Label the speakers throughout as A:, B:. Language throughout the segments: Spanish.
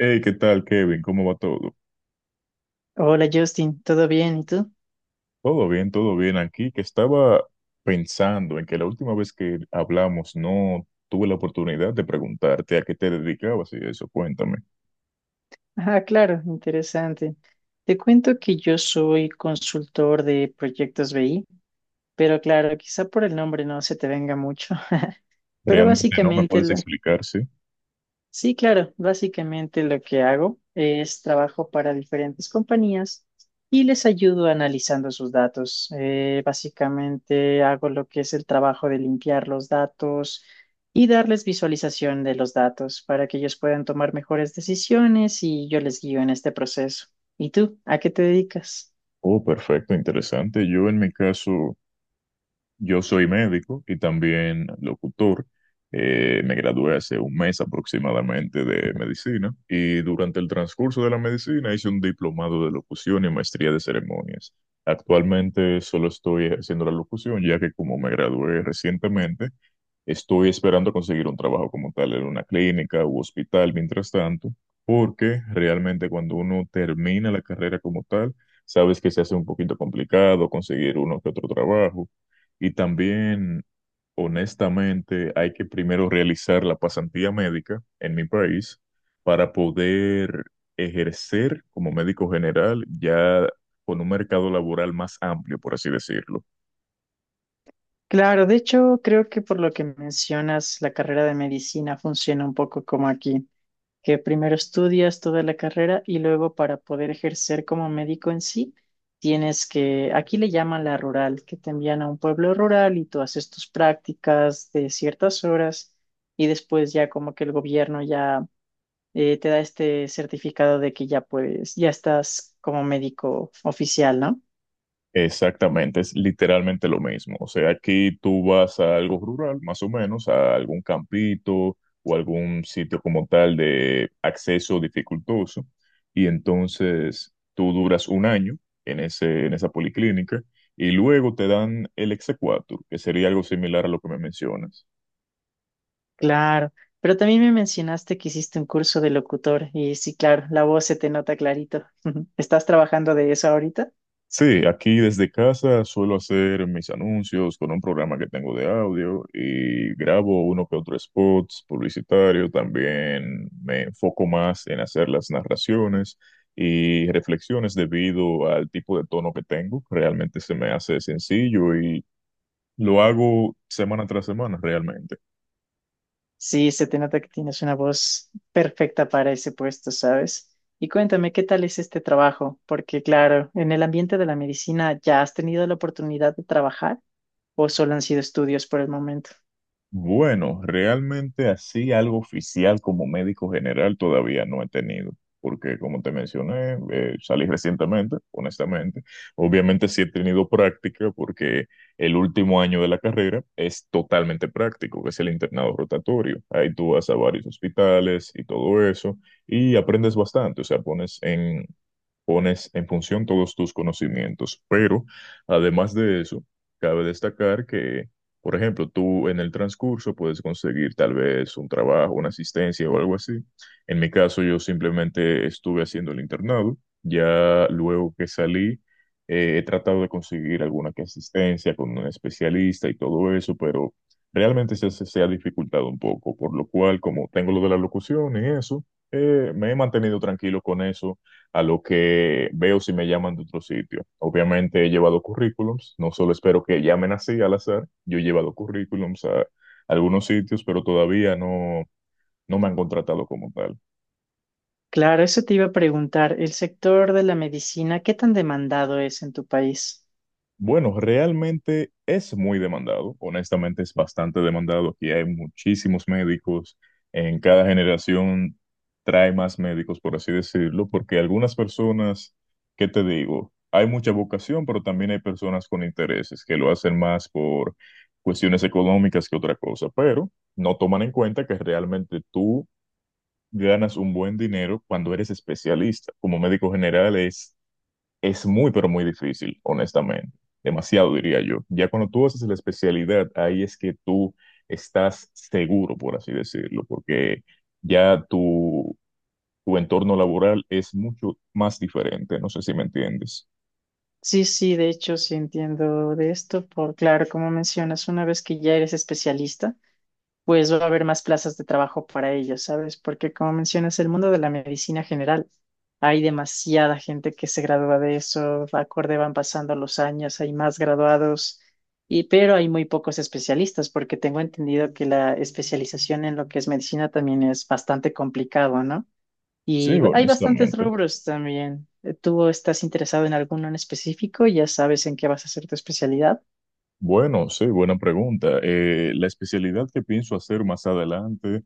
A: Hey, ¿qué tal, Kevin? ¿Cómo va todo?
B: Hola Justin, ¿todo bien? ¿Y tú?
A: Todo bien, todo bien. Aquí que estaba pensando en que la última vez que hablamos no tuve la oportunidad de preguntarte a qué te dedicabas y eso. Cuéntame.
B: Ah, claro, interesante. Te cuento que yo soy consultor de proyectos BI, pero claro, quizá por el nombre no se te venga mucho, pero
A: ¿Realmente no me puedes explicar, sí?
B: Sí, claro. Básicamente lo que hago es trabajo para diferentes compañías y les ayudo analizando sus datos. Básicamente hago lo que es el trabajo de limpiar los datos y darles visualización de los datos para que ellos puedan tomar mejores decisiones y yo les guío en este proceso. ¿Y tú? ¿A qué te dedicas?
A: Oh, perfecto, interesante. Yo en mi caso Yo soy médico y también locutor. Me gradué hace un mes aproximadamente de medicina y durante el transcurso de la medicina hice un diplomado de locución y maestría de ceremonias. Actualmente solo estoy ejerciendo la locución, ya que como me gradué recientemente, estoy esperando conseguir un trabajo como tal en una clínica u hospital mientras tanto, porque realmente cuando uno termina la carrera como tal, sabes que se hace un poquito complicado conseguir uno que otro trabajo y también, honestamente, hay que primero realizar la pasantía médica en mi país para poder ejercer como médico general ya con un mercado laboral más amplio, por así decirlo.
B: Claro, de hecho, creo que por lo que mencionas, la carrera de medicina funciona un poco como aquí, que primero estudias toda la carrera y luego para poder ejercer como médico en sí, tienes que, aquí le llaman la rural, que te envían a un pueblo rural y tú haces tus prácticas de ciertas horas y después ya como que el gobierno ya te da este certificado de que ya puedes, ya estás como médico oficial, ¿no?
A: Exactamente, es literalmente lo mismo. O sea, aquí tú vas a algo rural, más o menos, a algún campito o algún sitio como tal de acceso dificultoso, y entonces tú duras un año en ese, en esa policlínica y luego te dan el exequatur, que sería algo similar a lo que me mencionas.
B: Claro. Pero también me mencionaste que hiciste un curso de locutor y sí, claro, la voz se te nota clarito. ¿Estás trabajando de eso ahorita?
A: Sí, aquí desde casa suelo hacer mis anuncios con un programa que tengo de audio y grabo uno que otro spots publicitario. También me enfoco más en hacer las narraciones y reflexiones debido al tipo de tono que tengo. Realmente se me hace sencillo y lo hago semana tras semana realmente.
B: Sí, se te nota que tienes una voz perfecta para ese puesto, ¿sabes? Y cuéntame, ¿qué tal es este trabajo? Porque claro, en el ambiente de la medicina, ¿ya has tenido la oportunidad de trabajar o solo han sido estudios por el momento?
A: Bueno, realmente así algo oficial como médico general todavía no he tenido, porque como te mencioné, salí recientemente, honestamente. Obviamente sí he tenido práctica porque el último año de la carrera es totalmente práctico, que es el internado rotatorio. Ahí tú vas a varios hospitales y todo eso y aprendes bastante. O sea, pones en función todos tus conocimientos. Pero además de eso, cabe destacar que, por ejemplo, tú en el transcurso puedes conseguir tal vez un trabajo, una asistencia o algo así. En mi caso, yo simplemente estuve haciendo el internado. Ya luego que salí, he tratado de conseguir alguna que asistencia con un especialista y todo eso, pero realmente se ha dificultado un poco, por lo cual, como tengo lo de la locución y eso, me he mantenido tranquilo con eso a lo que veo si me llaman de otro sitio. Obviamente he llevado currículums, no solo espero que llamen así al azar, yo he llevado currículums a algunos sitios, pero todavía no, no me han contratado como tal.
B: Claro, eso te iba a preguntar, el sector de la medicina, ¿qué tan demandado es en tu país?
A: Bueno, realmente es muy demandado, honestamente es bastante demandado. Aquí hay muchísimos médicos, en cada generación trae más médicos, por así decirlo, porque algunas personas, ¿qué te digo? Hay mucha vocación, pero también hay personas con intereses que lo hacen más por cuestiones económicas que otra cosa, pero no toman en cuenta que realmente tú ganas un buen dinero cuando eres especialista. Como médico general es muy, pero muy difícil, honestamente. Demasiado, diría yo. Ya cuando tú haces la especialidad, ahí es que tú estás seguro, por así decirlo, porque ya tu entorno laboral es mucho más diferente. ¿No sé si me entiendes?
B: Sí, sí, de hecho, sí entiendo de esto, por claro, como mencionas, una vez que ya eres especialista, pues va a haber más plazas de trabajo para ellos, ¿sabes? Porque como mencionas, el mundo de la medicina general, hay demasiada gente que se gradúa de eso, acorde van pasando los años, hay más graduados, y, pero hay muy pocos especialistas, porque tengo entendido que la especialización en lo que es medicina también es bastante complicado, ¿no?
A: Sí,
B: Y hay bastantes
A: honestamente.
B: rubros también. ¿Tú estás interesado en alguno en específico? ¿Ya sabes en qué vas a hacer tu especialidad?
A: Bueno, sí, buena pregunta. La especialidad que pienso hacer más adelante,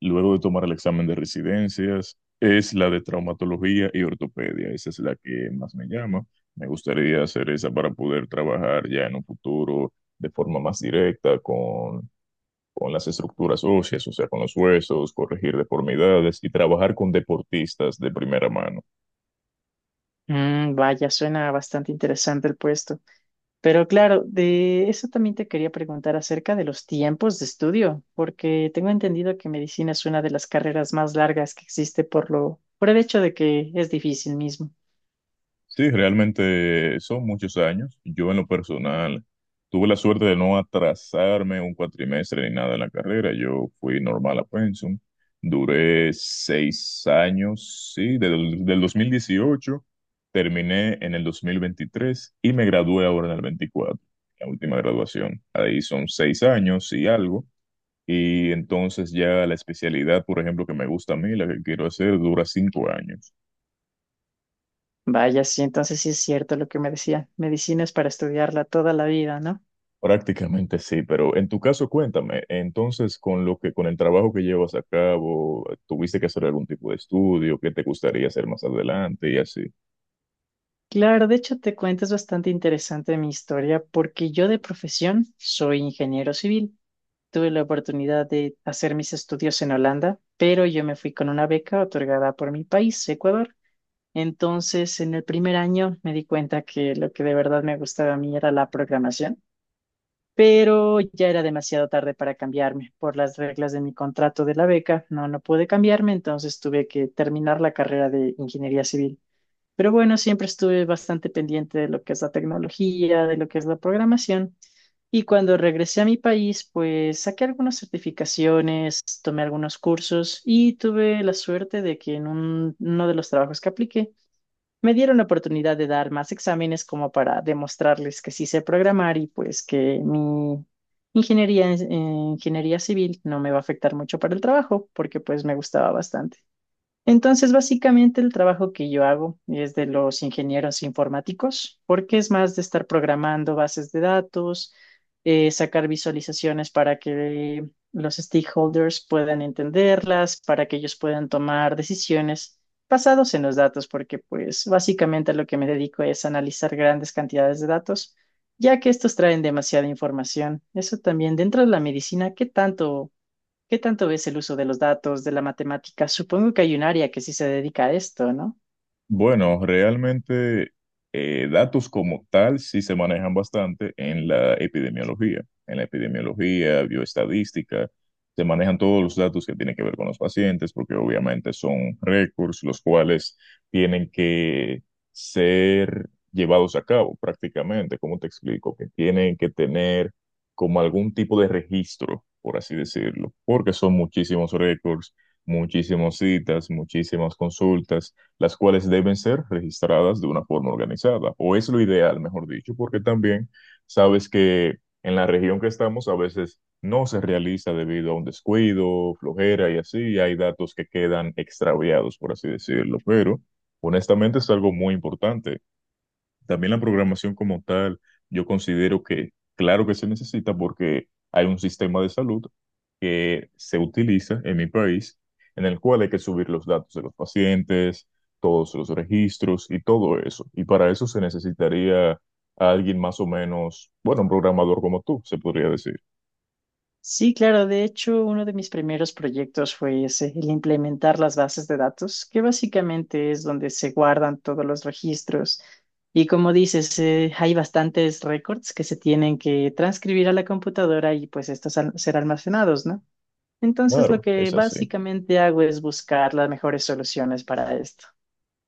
A: luego de tomar el examen de residencias, es la de traumatología y ortopedia. Esa es la que más me llama. Me gustaría hacer esa para poder trabajar ya en un futuro de forma más directa con, las estructuras óseas, o sea, con los huesos, corregir deformidades y trabajar con deportistas de primera mano.
B: Mm, vaya, suena bastante interesante el puesto. Pero claro, de eso también te quería preguntar acerca de los tiempos de estudio, porque tengo entendido que medicina es una de las carreras más largas que existe por por el hecho de que es difícil mismo.
A: Sí, realmente son muchos años. Yo en lo personal tuve la suerte de no atrasarme un cuatrimestre ni nada en la carrera. Yo fui normal a Pensum. Duré 6 años, sí, del 2018. Terminé en el 2023 y me gradué ahora en el 24, la última graduación. Ahí son 6 años y algo. Y entonces ya la especialidad, por ejemplo, que me gusta a mí, la que quiero hacer, dura 5 años.
B: Vaya, sí, entonces sí es cierto lo que me decían. Medicina es para estudiarla toda la vida, ¿no?
A: Prácticamente sí, pero en tu caso cuéntame, entonces con lo que con el trabajo que llevas a cabo, ¿tuviste que hacer algún tipo de estudio? ¿Qué te gustaría hacer más adelante y así?
B: Claro, de hecho te cuento, es bastante interesante mi historia porque yo de profesión soy ingeniero civil. Tuve la oportunidad de hacer mis estudios en Holanda, pero yo me fui con una beca otorgada por mi país, Ecuador. Entonces, en el primer año me di cuenta que lo que de verdad me gustaba a mí era la programación, pero ya era demasiado tarde para cambiarme por las reglas de mi contrato de la beca. No pude cambiarme, entonces tuve que terminar la carrera de ingeniería civil. Pero bueno, siempre estuve bastante pendiente de lo que es la tecnología, de lo que es la programación. Y cuando regresé a mi país, pues saqué algunas certificaciones, tomé algunos cursos y tuve la suerte de que en uno de los trabajos que apliqué me dieron la oportunidad de dar más exámenes como para demostrarles que sí sé programar y pues que mi ingeniería, en- ingeniería civil no me va a afectar mucho para el trabajo porque pues me gustaba bastante. Entonces, básicamente el trabajo que yo hago es de los ingenieros informáticos, porque es más de estar programando bases de datos, sacar visualizaciones para que los stakeholders puedan entenderlas, para que ellos puedan tomar decisiones basados en los datos, porque pues básicamente a lo que me dedico es analizar grandes cantidades de datos, ya que estos traen demasiada información. Eso también dentro de la medicina, ¿qué tanto? ¿Qué tanto ves el uso de los datos, de la matemática? Supongo que hay un área que sí se dedica a esto, ¿no?
A: Bueno, realmente datos como tal sí se manejan bastante en la epidemiología. En la epidemiología, bioestadística, se manejan todos los datos que tienen que ver con los pacientes, porque obviamente son récords los cuales tienen que ser llevados a cabo prácticamente. ¿Cómo te explico? Que tienen que tener como algún tipo de registro, por así decirlo, porque son muchísimos récords, muchísimas citas, muchísimas consultas las cuales deben ser registradas de una forma organizada, o es lo ideal, mejor dicho, porque también sabes que en la región que estamos a veces no se realiza debido a un descuido, flojera y así, y hay datos que quedan extraviados, por así decirlo, pero honestamente es algo muy importante. También la programación como tal, yo considero que claro que se necesita porque hay un sistema de salud que se utiliza en mi país en el cual hay que subir los datos de los pacientes, todos los registros y todo eso. Y para eso se necesitaría a alguien más o menos, bueno, un programador como tú, se podría decir.
B: Sí, claro. De hecho, uno de mis primeros proyectos fue ese, el implementar las bases de datos, que básicamente es donde se guardan todos los registros. Y como dices, hay bastantes récords que se tienen que transcribir a la computadora y pues estos ser almacenados, ¿no? Entonces, lo
A: Claro,
B: que
A: es así.
B: básicamente hago es buscar las mejores soluciones para esto.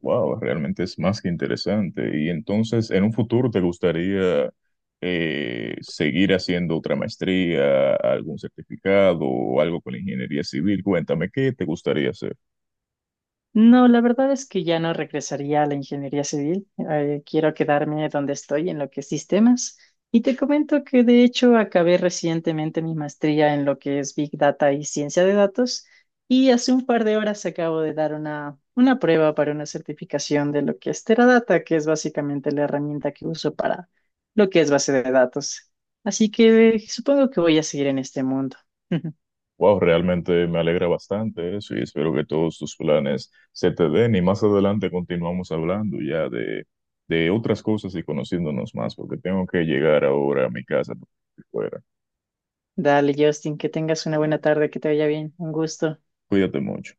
A: Wow, realmente es más que interesante. Y entonces, en un futuro, ¿te gustaría seguir haciendo otra maestría, algún certificado o algo con ingeniería civil? Cuéntame, ¿qué te gustaría hacer?
B: No, la verdad es que ya no regresaría a la ingeniería civil. Quiero quedarme donde estoy, en lo que es sistemas. Y te comento que de hecho acabé recientemente mi maestría en lo que es Big Data y ciencia de datos. Y hace un par de horas acabo de dar una prueba para una certificación de lo que es Teradata, que es básicamente la herramienta que uso para lo que es base de datos. Así que supongo que voy a seguir en este mundo.
A: Wow, realmente me alegra bastante eso y espero que todos tus planes se te den. Y más adelante continuamos hablando ya de, otras cosas y conociéndonos más, porque tengo que llegar ahora a mi casa. Porque fuera.
B: Dale, Justin, que tengas una buena tarde, que te vaya bien. Un gusto.
A: Cuídate mucho.